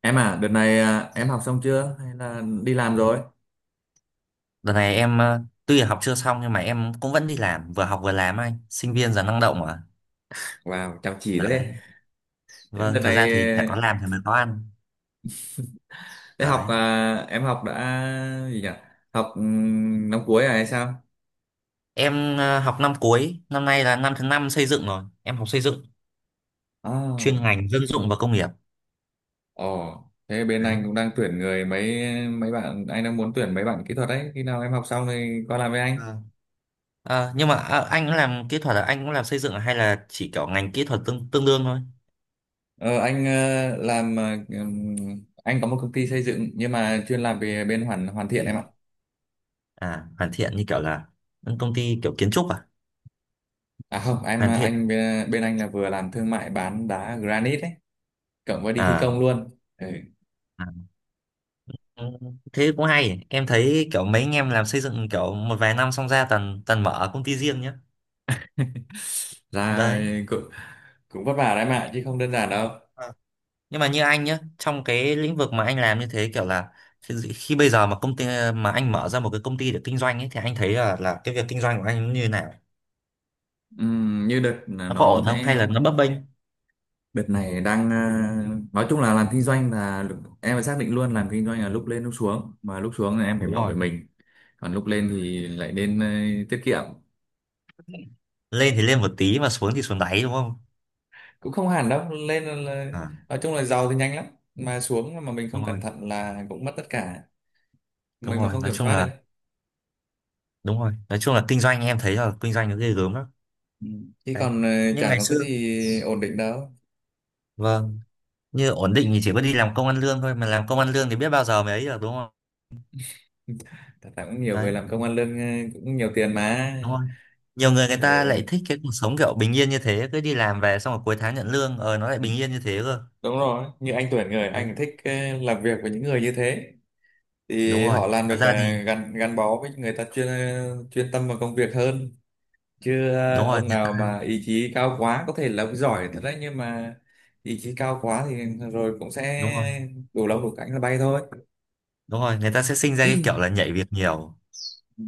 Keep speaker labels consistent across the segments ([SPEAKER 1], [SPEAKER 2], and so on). [SPEAKER 1] Em à, đợt này à, em học xong chưa hay là đi làm rồi?
[SPEAKER 2] Đợt này em tuy là học chưa xong nhưng mà em cũng vẫn đi làm, vừa học vừa làm anh, sinh viên giờ năng động mà.
[SPEAKER 1] Wow, chăm chỉ thế.
[SPEAKER 2] Đấy. Vâng,
[SPEAKER 1] Đợt
[SPEAKER 2] thật ra thì phải có
[SPEAKER 1] này
[SPEAKER 2] làm thì mới có ăn.
[SPEAKER 1] đại học
[SPEAKER 2] Đấy.
[SPEAKER 1] à, em học đã gì nhỉ? Học năm cuối à hay sao?
[SPEAKER 2] Em học năm cuối, năm nay là năm thứ năm xây dựng rồi. Em học xây dựng, chuyên
[SPEAKER 1] À,
[SPEAKER 2] ngành dân dụng và công nghiệp.
[SPEAKER 1] ồ, thế bên anh
[SPEAKER 2] Đấy.
[SPEAKER 1] cũng đang tuyển người mấy mấy bạn, anh đang muốn tuyển mấy bạn kỹ thuật đấy. Khi nào em học xong thì qua làm với anh.
[SPEAKER 2] Vâng. Nhưng mà anh cũng làm kỹ thuật là anh cũng làm xây dựng à? Hay là chỉ kiểu ngành kỹ thuật tương tương đương thôi?
[SPEAKER 1] Ờ, anh làm ừm, anh có một công ty xây dựng nhưng mà chuyên làm về bên hoàn hoàn thiện em ạ.
[SPEAKER 2] À, hoàn thiện như kiểu là công ty kiểu kiến trúc à?
[SPEAKER 1] À không, em
[SPEAKER 2] Hoàn thiện.
[SPEAKER 1] anh bên anh là vừa làm thương mại bán đá granite ấy, cộng với đi thi
[SPEAKER 2] À,
[SPEAKER 1] công luôn, ừ.
[SPEAKER 2] à. Ừ, thế cũng hay, em thấy kiểu mấy anh em làm xây dựng kiểu một vài năm xong ra toàn toàn mở công ty riêng nhá.
[SPEAKER 1] Ra
[SPEAKER 2] Đấy.
[SPEAKER 1] cũng cũng vất vả đấy mà chứ không đơn giản đâu.
[SPEAKER 2] À, nhưng mà như anh nhá, trong cái lĩnh vực mà anh làm như thế kiểu là khi bây giờ mà công ty mà anh mở ra một cái công ty để kinh doanh ấy, thì anh thấy là cái việc kinh doanh của anh nó như thế nào,
[SPEAKER 1] Như đợt là
[SPEAKER 2] nó có
[SPEAKER 1] nó
[SPEAKER 2] ổn không hay
[SPEAKER 1] sẽ
[SPEAKER 2] là nó bấp bênh?
[SPEAKER 1] đợt này đang nói chung là làm kinh doanh là em phải xác định luôn, làm kinh doanh là lúc lên lúc xuống, mà lúc xuống là em phải
[SPEAKER 2] Đúng
[SPEAKER 1] bảo
[SPEAKER 2] rồi,
[SPEAKER 1] vệ mình, còn lúc lên thì lại nên tiết kiệm.
[SPEAKER 2] lên thì lên một tí mà xuống thì xuống đáy đúng không?
[SPEAKER 1] Cũng không hẳn đâu, lên là,
[SPEAKER 2] À,
[SPEAKER 1] nói chung là giàu thì nhanh lắm, mà xuống mà mình không
[SPEAKER 2] đúng rồi.
[SPEAKER 1] cẩn thận là cũng mất tất cả,
[SPEAKER 2] Đúng
[SPEAKER 1] mình mà
[SPEAKER 2] rồi,
[SPEAKER 1] không
[SPEAKER 2] nói
[SPEAKER 1] kiểm
[SPEAKER 2] chung
[SPEAKER 1] soát được
[SPEAKER 2] là,
[SPEAKER 1] ấy.
[SPEAKER 2] đúng rồi, nói chung là kinh doanh em thấy là kinh doanh nó ghê gớm lắm.
[SPEAKER 1] Ừ. Chứ
[SPEAKER 2] Đấy,
[SPEAKER 1] còn
[SPEAKER 2] nhưng
[SPEAKER 1] chẳng
[SPEAKER 2] ngày
[SPEAKER 1] có cái
[SPEAKER 2] xưa,
[SPEAKER 1] gì ổn định đâu.
[SPEAKER 2] vâng, như ổn định thì chỉ có đi làm công ăn lương thôi, mà làm công ăn lương thì biết bao giờ mới ấy được, đúng không?
[SPEAKER 1] Thật ra cũng nhiều người
[SPEAKER 2] Đấy,
[SPEAKER 1] làm công ăn lương cũng nhiều tiền mà.
[SPEAKER 2] đúng không, nhiều người, người
[SPEAKER 1] Ờ,
[SPEAKER 2] ta lại thích cái cuộc sống kiểu bình yên như thế, cứ đi làm về xong rồi cuối tháng nhận lương, nó lại bình yên như thế cơ.
[SPEAKER 1] đúng rồi, như anh Tuyển, người
[SPEAKER 2] Đấy,
[SPEAKER 1] anh thích làm việc với những người như thế,
[SPEAKER 2] đúng
[SPEAKER 1] thì
[SPEAKER 2] rồi,
[SPEAKER 1] họ làm
[SPEAKER 2] thật
[SPEAKER 1] được
[SPEAKER 2] ra thì
[SPEAKER 1] gắn gắn bó với người ta, chuyên tâm vào công việc hơn. Chứ
[SPEAKER 2] đúng rồi,
[SPEAKER 1] ông
[SPEAKER 2] người ta,
[SPEAKER 1] nào mà ý chí cao quá, có thể là ông giỏi thật đấy, nhưng mà ý chí cao quá thì rồi cũng
[SPEAKER 2] đúng rồi.
[SPEAKER 1] sẽ đủ lông đủ cánh là bay thôi.
[SPEAKER 2] Đúng rồi, người ta sẽ sinh ra cái kiểu là nhảy việc nhiều.
[SPEAKER 1] Ừ.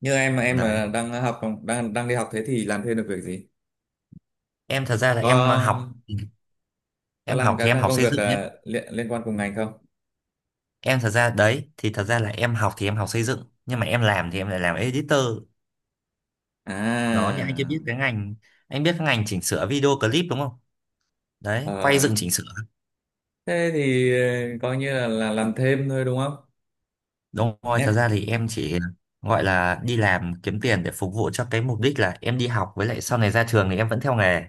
[SPEAKER 1] Như em
[SPEAKER 2] Đấy,
[SPEAKER 1] mà đang học, đang đang đi học thế thì làm thêm được việc gì?
[SPEAKER 2] em thật ra là
[SPEAKER 1] Có có
[SPEAKER 2] em
[SPEAKER 1] làm
[SPEAKER 2] học thì
[SPEAKER 1] các
[SPEAKER 2] em
[SPEAKER 1] các
[SPEAKER 2] học
[SPEAKER 1] công
[SPEAKER 2] xây
[SPEAKER 1] việc
[SPEAKER 2] dựng nhé.
[SPEAKER 1] liên liên quan cùng ngành không?
[SPEAKER 2] Em thật ra đấy thì thật ra là em học thì em học xây dựng, nhưng mà em làm thì em lại làm editor. Đó, nhưng anh chưa
[SPEAKER 1] À,
[SPEAKER 2] biết cái ngành, anh biết cái ngành chỉnh sửa video clip đúng không? Đấy, quay
[SPEAKER 1] ờ,
[SPEAKER 2] dựng chỉnh sửa.
[SPEAKER 1] thế thì coi như là làm thêm thôi đúng không?
[SPEAKER 2] Đúng rồi, thật
[SPEAKER 1] Em,
[SPEAKER 2] ra thì em chỉ gọi là đi làm kiếm tiền để phục vụ cho cái mục đích là em đi học, với lại sau này ra trường thì em vẫn theo nghề.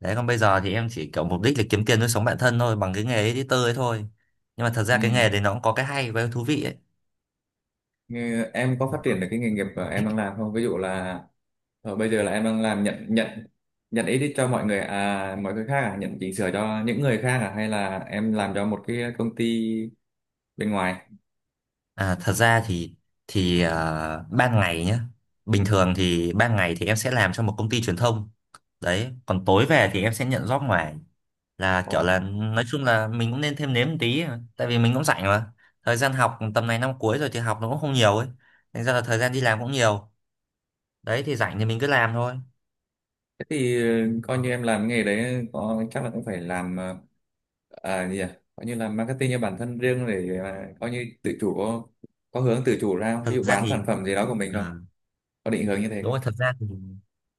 [SPEAKER 2] Đấy, còn bây giờ thì em chỉ kiểu mục đích là kiếm tiền nuôi sống bản thân thôi, bằng cái nghề editor ấy thôi. Nhưng mà thật ra
[SPEAKER 1] ừ,
[SPEAKER 2] cái nghề đấy nó cũng có cái hay và cái thú vị ấy.
[SPEAKER 1] Như em có phát triển được cái nghề nghiệp mà em đang làm không? Ví dụ là bây giờ là em đang làm nhận nhận nhận edit cho mọi người à, mọi người khác à, nhận chỉnh sửa cho những người khác à, hay là em làm cho một cái công ty bên ngoài?
[SPEAKER 2] À, thật ra thì ban ngày nhá, bình thường thì ban ngày thì em sẽ làm cho một công ty truyền thông. Đấy, còn tối về thì em sẽ nhận job ngoài, là
[SPEAKER 1] Ồ,
[SPEAKER 2] kiểu là nói chung là mình cũng nên thêm nếm một tí, tại vì mình cũng rảnh mà. Thời gian học tầm này năm cuối rồi thì học nó cũng không nhiều ấy, thành ra là thời gian đi làm cũng nhiều. Đấy thì rảnh thì mình cứ làm thôi.
[SPEAKER 1] thế thì coi như em làm nghề đấy, có chắc là cũng phải làm ờ, à gì à coi như là marketing cho bản thân riêng để coi như tự chủ, có hướng tự chủ ra không? Ví
[SPEAKER 2] Thật
[SPEAKER 1] dụ
[SPEAKER 2] ra
[SPEAKER 1] bán
[SPEAKER 2] thì,
[SPEAKER 1] sản phẩm gì đó của mình
[SPEAKER 2] ừ.
[SPEAKER 1] không, có định hướng như thế
[SPEAKER 2] Đúng
[SPEAKER 1] không?
[SPEAKER 2] rồi,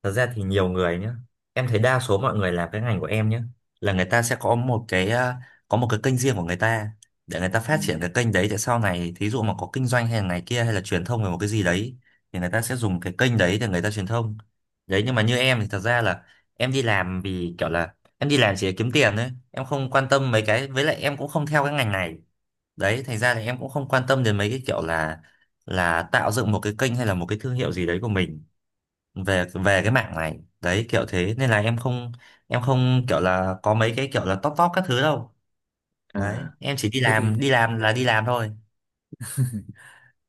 [SPEAKER 2] thật ra thì nhiều người nhé, em thấy đa số mọi người làm cái ngành của em nhé, là người ta sẽ có một cái, à, có một cái kênh riêng của người ta, để người ta
[SPEAKER 1] Ừ.
[SPEAKER 2] phát triển cái kênh đấy, để sau này thí dụ mà có kinh doanh hay là này kia hay là truyền thông về một cái gì đấy, thì người ta sẽ dùng cái kênh đấy để người ta truyền thông. Đấy, nhưng mà như em thì thật ra là em đi làm vì kiểu là em đi làm chỉ để kiếm tiền thôi, em không quan tâm mấy cái, với lại em cũng không theo cái ngành này. Đấy thành ra là em cũng không quan tâm đến mấy cái kiểu là tạo dựng một cái kênh hay là một cái thương hiệu gì đấy của mình, về về cái mạng này đấy, kiểu thế, nên là em không, em không kiểu là có mấy cái kiểu là top top các thứ đâu. Đấy
[SPEAKER 1] À,
[SPEAKER 2] em chỉ đi
[SPEAKER 1] thế thì,
[SPEAKER 2] làm, đi làm là đi làm thôi.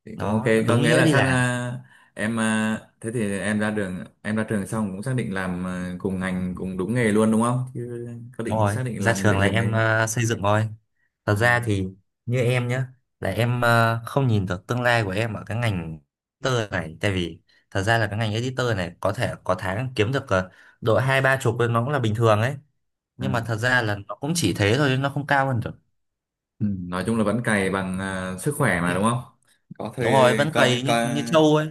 [SPEAKER 1] thì cũng ok.
[SPEAKER 2] Đó,
[SPEAKER 1] Có
[SPEAKER 2] đúng
[SPEAKER 1] nghĩa
[SPEAKER 2] nghĩa
[SPEAKER 1] là
[SPEAKER 2] đi
[SPEAKER 1] sang
[SPEAKER 2] làm.
[SPEAKER 1] à, em à, thế thì em ra đường em ra trường xong cũng xác định làm cùng ngành cùng đúng nghề luôn đúng không? Chứ có
[SPEAKER 2] Đúng
[SPEAKER 1] định
[SPEAKER 2] rồi,
[SPEAKER 1] xác định
[SPEAKER 2] ra
[SPEAKER 1] làm
[SPEAKER 2] trường
[SPEAKER 1] lệch
[SPEAKER 2] là
[SPEAKER 1] lệch nghề
[SPEAKER 2] em
[SPEAKER 1] không?
[SPEAKER 2] xây dựng thôi. Thật
[SPEAKER 1] À,
[SPEAKER 2] ra thì như em nhá, là em không nhìn được tương lai của em ở cái ngành editor này, tại vì thật ra là cái ngành editor này có thể có tháng kiếm được độ hai ba chục lên nó cũng là bình thường ấy,
[SPEAKER 1] à.
[SPEAKER 2] nhưng mà thật ra là nó cũng chỉ thế thôi, nó không cao hơn được.
[SPEAKER 1] Ừ, nói chung là vẫn cày bằng sức khỏe mà đúng không? có
[SPEAKER 2] Đúng rồi,
[SPEAKER 1] thời
[SPEAKER 2] vẫn
[SPEAKER 1] coi
[SPEAKER 2] cày như
[SPEAKER 1] coi
[SPEAKER 2] như trâu ấy.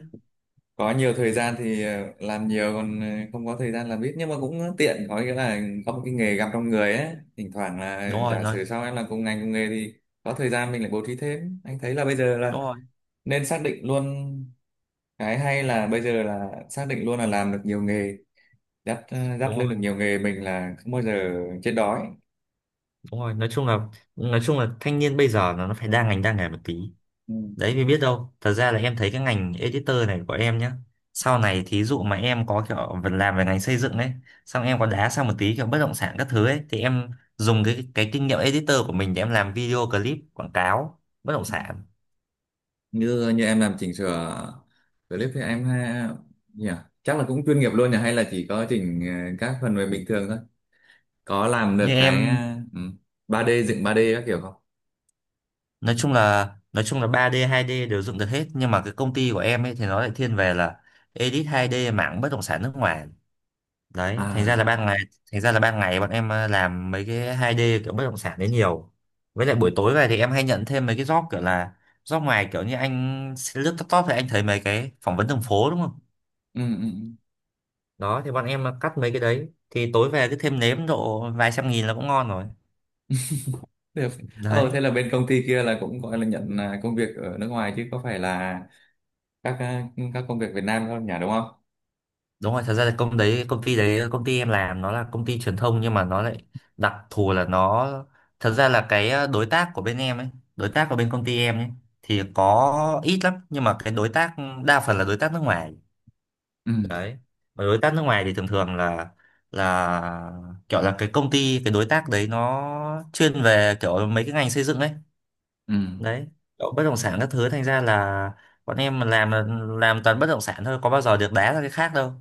[SPEAKER 1] có nhiều thời gian thì làm nhiều, còn không có thời gian làm ít, nhưng mà cũng tiện, có nghĩa là có một cái nghề gặp trong người ấy. Thỉnh thoảng là,
[SPEAKER 2] Đúng rồi,
[SPEAKER 1] giả
[SPEAKER 2] nói,
[SPEAKER 1] sử sau em làm cùng ngành cùng nghề thì có thời gian mình lại bố trí thêm. Anh thấy là bây giờ là
[SPEAKER 2] đúng rồi,
[SPEAKER 1] nên xác định luôn, cái hay là bây giờ là xác định luôn là làm được nhiều nghề, dắt ờ,
[SPEAKER 2] đúng
[SPEAKER 1] dắt lưng được
[SPEAKER 2] rồi.
[SPEAKER 1] nhiều nghề, mình là không bao giờ chết đói.
[SPEAKER 2] Đúng rồi, nói chung là thanh niên bây giờ nó phải đa ngành đa nghề một tí.
[SPEAKER 1] Ừ.
[SPEAKER 2] Đấy, vì biết đâu thật ra là em thấy cái ngành editor này của em nhá, sau này thí dụ mà em có kiểu vẫn làm về ngành xây dựng ấy, xong em có đá sang một tí kiểu bất động sản các thứ ấy, thì em dùng cái kinh nghiệm editor của mình để em làm video clip quảng cáo bất động sản.
[SPEAKER 1] như như em làm chỉnh sửa clip thì em ha, nhỉ, chắc là cũng chuyên nghiệp luôn nhỉ, hay là chỉ có chỉnh các phần mềm bình thường thôi? Có làm
[SPEAKER 2] Như
[SPEAKER 1] được cái
[SPEAKER 2] em,
[SPEAKER 1] ừ, 3D dựng, ba d các kiểu không?
[SPEAKER 2] nói chung là 3D 2D đều dựng được hết, nhưng mà cái công ty của em ấy thì nó lại thiên về là edit 2D mảng bất động sản nước ngoài. Đấy thành ra là
[SPEAKER 1] À,
[SPEAKER 2] ban ngày, thành ra là ban ngày bọn em làm mấy cái hai d kiểu bất động sản đấy nhiều. Với lại buổi tối về thì em hay nhận thêm mấy cái job kiểu llà job ngoài, kiểu như anh lướt laptop thì anh thấy mấy cái phỏng vấn đường phố đúng không?
[SPEAKER 1] ừ, ừ, ừ.
[SPEAKER 2] Đó thì bọn em cắt mấy cái đấy thì tối về cứ thêm nếm độ vài trăm nghìn là cũng ngon rồi.
[SPEAKER 1] Được.
[SPEAKER 2] Đấy.
[SPEAKER 1] Thế là bên công ty kia là cũng gọi là nhận công việc ở nước ngoài, chứ có phải là các à, các công việc Việt Nam không nhỉ, đúng không?
[SPEAKER 2] Đúng rồi, thật ra là công đấy công ty em làm nó là công ty truyền thông, nhưng mà nó lại đặc thù là nó, thật ra là cái đối tác của bên em ấy, đối tác của bên công ty em ấy thì có ít lắm, nhưng mà cái đối tác đa phần là đối tác nước ngoài.
[SPEAKER 1] Ừ,
[SPEAKER 2] Đấy, mà đối tác nước ngoài thì thường thường là là kiểu là cái công ty, cái đối tác đấy nó chuyên về kiểu mấy cái ngành xây dựng ấy.
[SPEAKER 1] ừ.
[SPEAKER 2] Đấy, kiểu bất động sản các thứ, thành ra là bọn em mà làm là làm toàn bất động sản thôi, có bao giờ được đá ra cái khác đâu.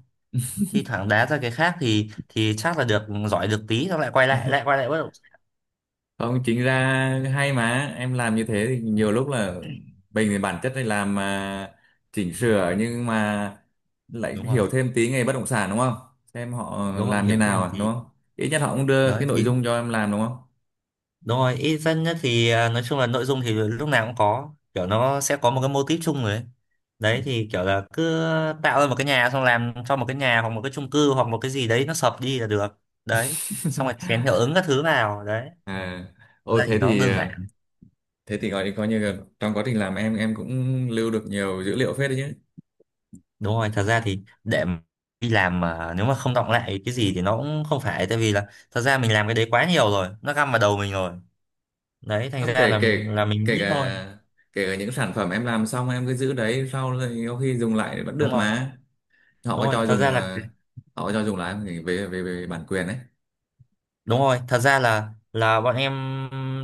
[SPEAKER 2] Thi thoảng đá ra cái khác thì chắc là được giỏi được tí xong lại quay lại, bắt đầu.
[SPEAKER 1] Không, chính ra hay mà em làm như thế thì nhiều lúc là, mình thì bản chất này làm chỉnh sửa, nhưng mà lại
[SPEAKER 2] Đúng rồi.
[SPEAKER 1] hiểu thêm tí nghề bất động sản đúng không, xem họ
[SPEAKER 2] Đúng rồi,
[SPEAKER 1] làm như
[SPEAKER 2] hiểu
[SPEAKER 1] nào
[SPEAKER 2] thêm
[SPEAKER 1] à,
[SPEAKER 2] tí.
[SPEAKER 1] đúng không? Ít nhất họ cũng đưa
[SPEAKER 2] Đấy
[SPEAKER 1] cái nội
[SPEAKER 2] thì
[SPEAKER 1] dung cho em làm đúng không?
[SPEAKER 2] đúng rồi, ít dân nhất thì à, nói chung là nội dung thì lúc nào cũng có kiểu nó sẽ có một cái mô típ chung rồi ấy.
[SPEAKER 1] Ừ.
[SPEAKER 2] Đấy thì kiểu là cứ tạo ra một cái nhà xong làm cho một cái nhà hoặc một cái chung cư hoặc một cái gì đấy nó sập đi là được. Đấy, xong rồi chèn hiệu ứng các thứ vào đấy.
[SPEAKER 1] À,
[SPEAKER 2] Thực
[SPEAKER 1] ô
[SPEAKER 2] ra thì
[SPEAKER 1] thế
[SPEAKER 2] nó cũng
[SPEAKER 1] thì
[SPEAKER 2] đơn
[SPEAKER 1] ờ,
[SPEAKER 2] giản.
[SPEAKER 1] thế thì gọi coi như là trong quá trình làm, em cũng lưu được nhiều dữ liệu phết đấy chứ.
[SPEAKER 2] Đúng rồi, thật ra thì để mà đi làm mà nếu mà không đọng lại cái gì thì nó cũng không phải, tại vì là thật ra mình làm cái đấy quá nhiều rồi, nó găm vào đầu mình rồi. Đấy thành
[SPEAKER 1] Không,
[SPEAKER 2] ra
[SPEAKER 1] kể
[SPEAKER 2] là
[SPEAKER 1] kể
[SPEAKER 2] mình
[SPEAKER 1] kể
[SPEAKER 2] biết thôi.
[SPEAKER 1] cả kể cả những sản phẩm em làm xong, em cứ giữ đấy, sau rồi có khi dùng lại vẫn
[SPEAKER 2] Đúng
[SPEAKER 1] được
[SPEAKER 2] rồi.
[SPEAKER 1] mà. Họ có
[SPEAKER 2] Đúng rồi,
[SPEAKER 1] cho
[SPEAKER 2] thật
[SPEAKER 1] dùng
[SPEAKER 2] ra là
[SPEAKER 1] họ có cho dùng lại không, thì về về về bản quyền đấy.
[SPEAKER 2] đúng rồi, thật ra là bọn em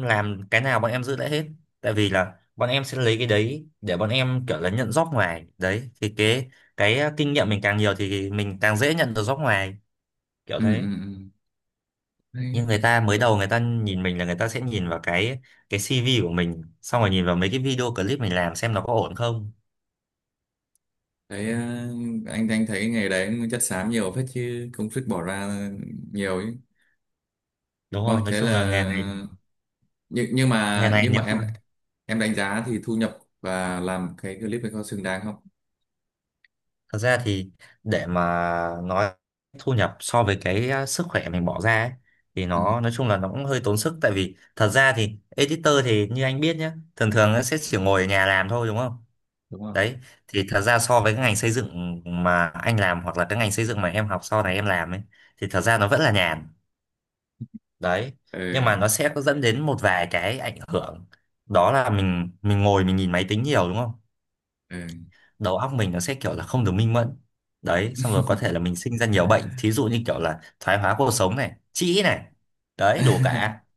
[SPEAKER 2] làm cái nào bọn em giữ lại hết, tại vì là bọn em sẽ lấy cái đấy để bọn em kiểu là nhận job ngoài. Đấy thì cái kinh nghiệm mình càng nhiều thì mình càng dễ nhận được job ngoài, kiểu
[SPEAKER 1] Ừ, ừ,
[SPEAKER 2] thế.
[SPEAKER 1] ừ. Đấy, đấy.
[SPEAKER 2] Nhưng người ta mới đầu người ta nhìn mình là người ta sẽ nhìn vào cái CV của mình, xong rồi nhìn vào mấy cái video clip mình làm xem nó có ổn không.
[SPEAKER 1] Thấy ờ, anh thấy nghề đấy cũng chất xám nhiều phết, chứ công sức bỏ ra nhiều ấy.
[SPEAKER 2] Đúng
[SPEAKER 1] Đúng
[SPEAKER 2] rồi,
[SPEAKER 1] không?
[SPEAKER 2] nói
[SPEAKER 1] Thế
[SPEAKER 2] chung là
[SPEAKER 1] là,
[SPEAKER 2] nghề này,
[SPEAKER 1] nhưng nhưng
[SPEAKER 2] nghề
[SPEAKER 1] mà
[SPEAKER 2] này
[SPEAKER 1] nhưng mà
[SPEAKER 2] nếu
[SPEAKER 1] em
[SPEAKER 2] mà
[SPEAKER 1] em đánh giá thì thu nhập và làm cái clip ấy có xứng đáng không?
[SPEAKER 2] thật ra thì để mà nói thu nhập so với cái sức khỏe mình bỏ ra ấy, thì
[SPEAKER 1] Ừ,
[SPEAKER 2] nó nói chung là nó cũng hơi tốn sức, tại vì thật ra thì editor thì như anh biết nhá, thường thường nó sẽ chỉ ngồi ở nhà làm thôi đúng không?
[SPEAKER 1] đúng không,
[SPEAKER 2] Đấy thì thật ra so với cái ngành xây dựng mà anh làm, hoặc là cái ngành xây dựng mà em học sau này em làm ấy, thì thật ra nó vẫn là nhàn. Đấy, nhưng
[SPEAKER 1] ừ,
[SPEAKER 2] mà nó sẽ có dẫn đến một vài cái ảnh hưởng, đó là mình ngồi mình nhìn máy tính nhiều đúng không?
[SPEAKER 1] ừ.
[SPEAKER 2] Đầu óc mình nó sẽ kiểu là không được minh mẫn. Đấy, xong rồi có thể là mình sinh ra nhiều bệnh, thí dụ như kiểu là thoái hóa cột sống này, trĩ này. Đấy, đủ cả.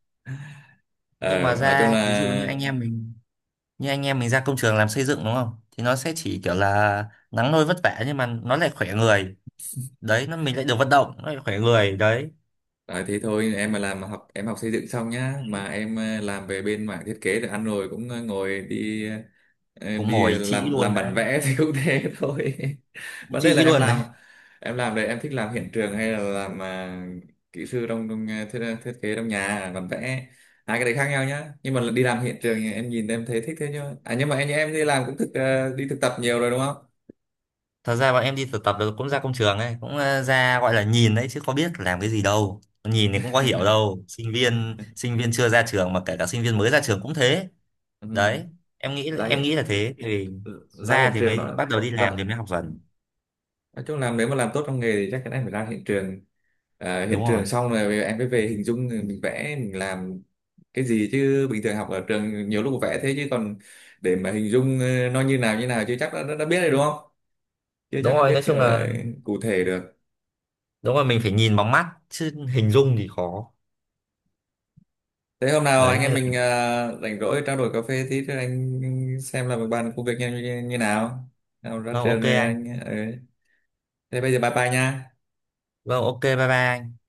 [SPEAKER 2] Nhưng
[SPEAKER 1] Ờ,
[SPEAKER 2] mà
[SPEAKER 1] nói chung
[SPEAKER 2] ra
[SPEAKER 1] là.
[SPEAKER 2] thí dụ như anh em mình, như anh em mình ra công trường làm xây dựng đúng không, thì nó sẽ chỉ kiểu là nắng nôi vất vả, nhưng mà nó lại khỏe người. Đấy, nó mình lại được vận động, nó lại khỏe người. Đấy,
[SPEAKER 1] Đấy, thế thôi, em mà làm học em học xây dựng xong nhá, mà em làm về bên mảng thiết kế được ăn rồi, cũng ngồi đi
[SPEAKER 2] cũng
[SPEAKER 1] đi
[SPEAKER 2] ngồi trĩ
[SPEAKER 1] làm
[SPEAKER 2] luôn
[SPEAKER 1] làm bản
[SPEAKER 2] đấy,
[SPEAKER 1] vẽ thì cũng thế thôi.
[SPEAKER 2] cũng
[SPEAKER 1] Vấn đề là
[SPEAKER 2] trĩ
[SPEAKER 1] em
[SPEAKER 2] luôn đấy.
[SPEAKER 1] làm em làm đấy, em thích làm hiện trường hay là làm kỹ sư trong, thiết kế trong nhà bản vẽ? Hai cái đấy khác nhau nhá, nhưng mà đi làm hiện trường thì em nhìn em thấy thích thế chứ, à nhưng mà anh em đi làm cũng đi thực tập nhiều rồi đúng không?
[SPEAKER 2] Thật ra bọn em đi thực tập được cũng ra công trường ấy, cũng ra gọi là nhìn đấy chứ có biết làm cái gì đâu, nhìn thì cũng có hiểu đâu, sinh viên chưa ra trường mà, kể cả sinh viên mới ra trường cũng thế.
[SPEAKER 1] Ừ,
[SPEAKER 2] Đấy, em nghĩ
[SPEAKER 1] ra
[SPEAKER 2] em
[SPEAKER 1] hiện
[SPEAKER 2] nghĩ là thế thì
[SPEAKER 1] ra
[SPEAKER 2] ra
[SPEAKER 1] hiện
[SPEAKER 2] thì
[SPEAKER 1] trường
[SPEAKER 2] mới
[SPEAKER 1] nó,
[SPEAKER 2] bắt đầu đi làm
[SPEAKER 1] ra,
[SPEAKER 2] thì mới học dần.
[SPEAKER 1] nói chung là nếu mà làm tốt trong nghề thì chắc chắn em phải ra hiện trường. Ờ, hiện
[SPEAKER 2] Đúng rồi.
[SPEAKER 1] trường xong rồi em mới về hình dung mình vẽ mình làm cái gì, chứ bình thường học ở trường nhiều lúc vẽ thế, chứ còn để mà hình dung nó như nào chưa chắc đã biết rồi đúng không, chưa
[SPEAKER 2] Đúng
[SPEAKER 1] chắc đã
[SPEAKER 2] rồi,
[SPEAKER 1] biết
[SPEAKER 2] nói chung
[SPEAKER 1] gọi
[SPEAKER 2] là
[SPEAKER 1] là cụ thể được.
[SPEAKER 2] đúng rồi, mình phải nhìn bằng mắt chứ hình dung thì khó.
[SPEAKER 1] Thế hôm nào anh
[SPEAKER 2] Đấy nên
[SPEAKER 1] em mình
[SPEAKER 2] là
[SPEAKER 1] rảnh rỗi trao đổi cà phê tí, cho anh xem, là bàn công việc như nào, nào ra
[SPEAKER 2] vâng,
[SPEAKER 1] trường
[SPEAKER 2] ok
[SPEAKER 1] rồi
[SPEAKER 2] anh.
[SPEAKER 1] anh ờ. Thế bây giờ bye bye nha.
[SPEAKER 2] Vâng, ok, bye bye anh.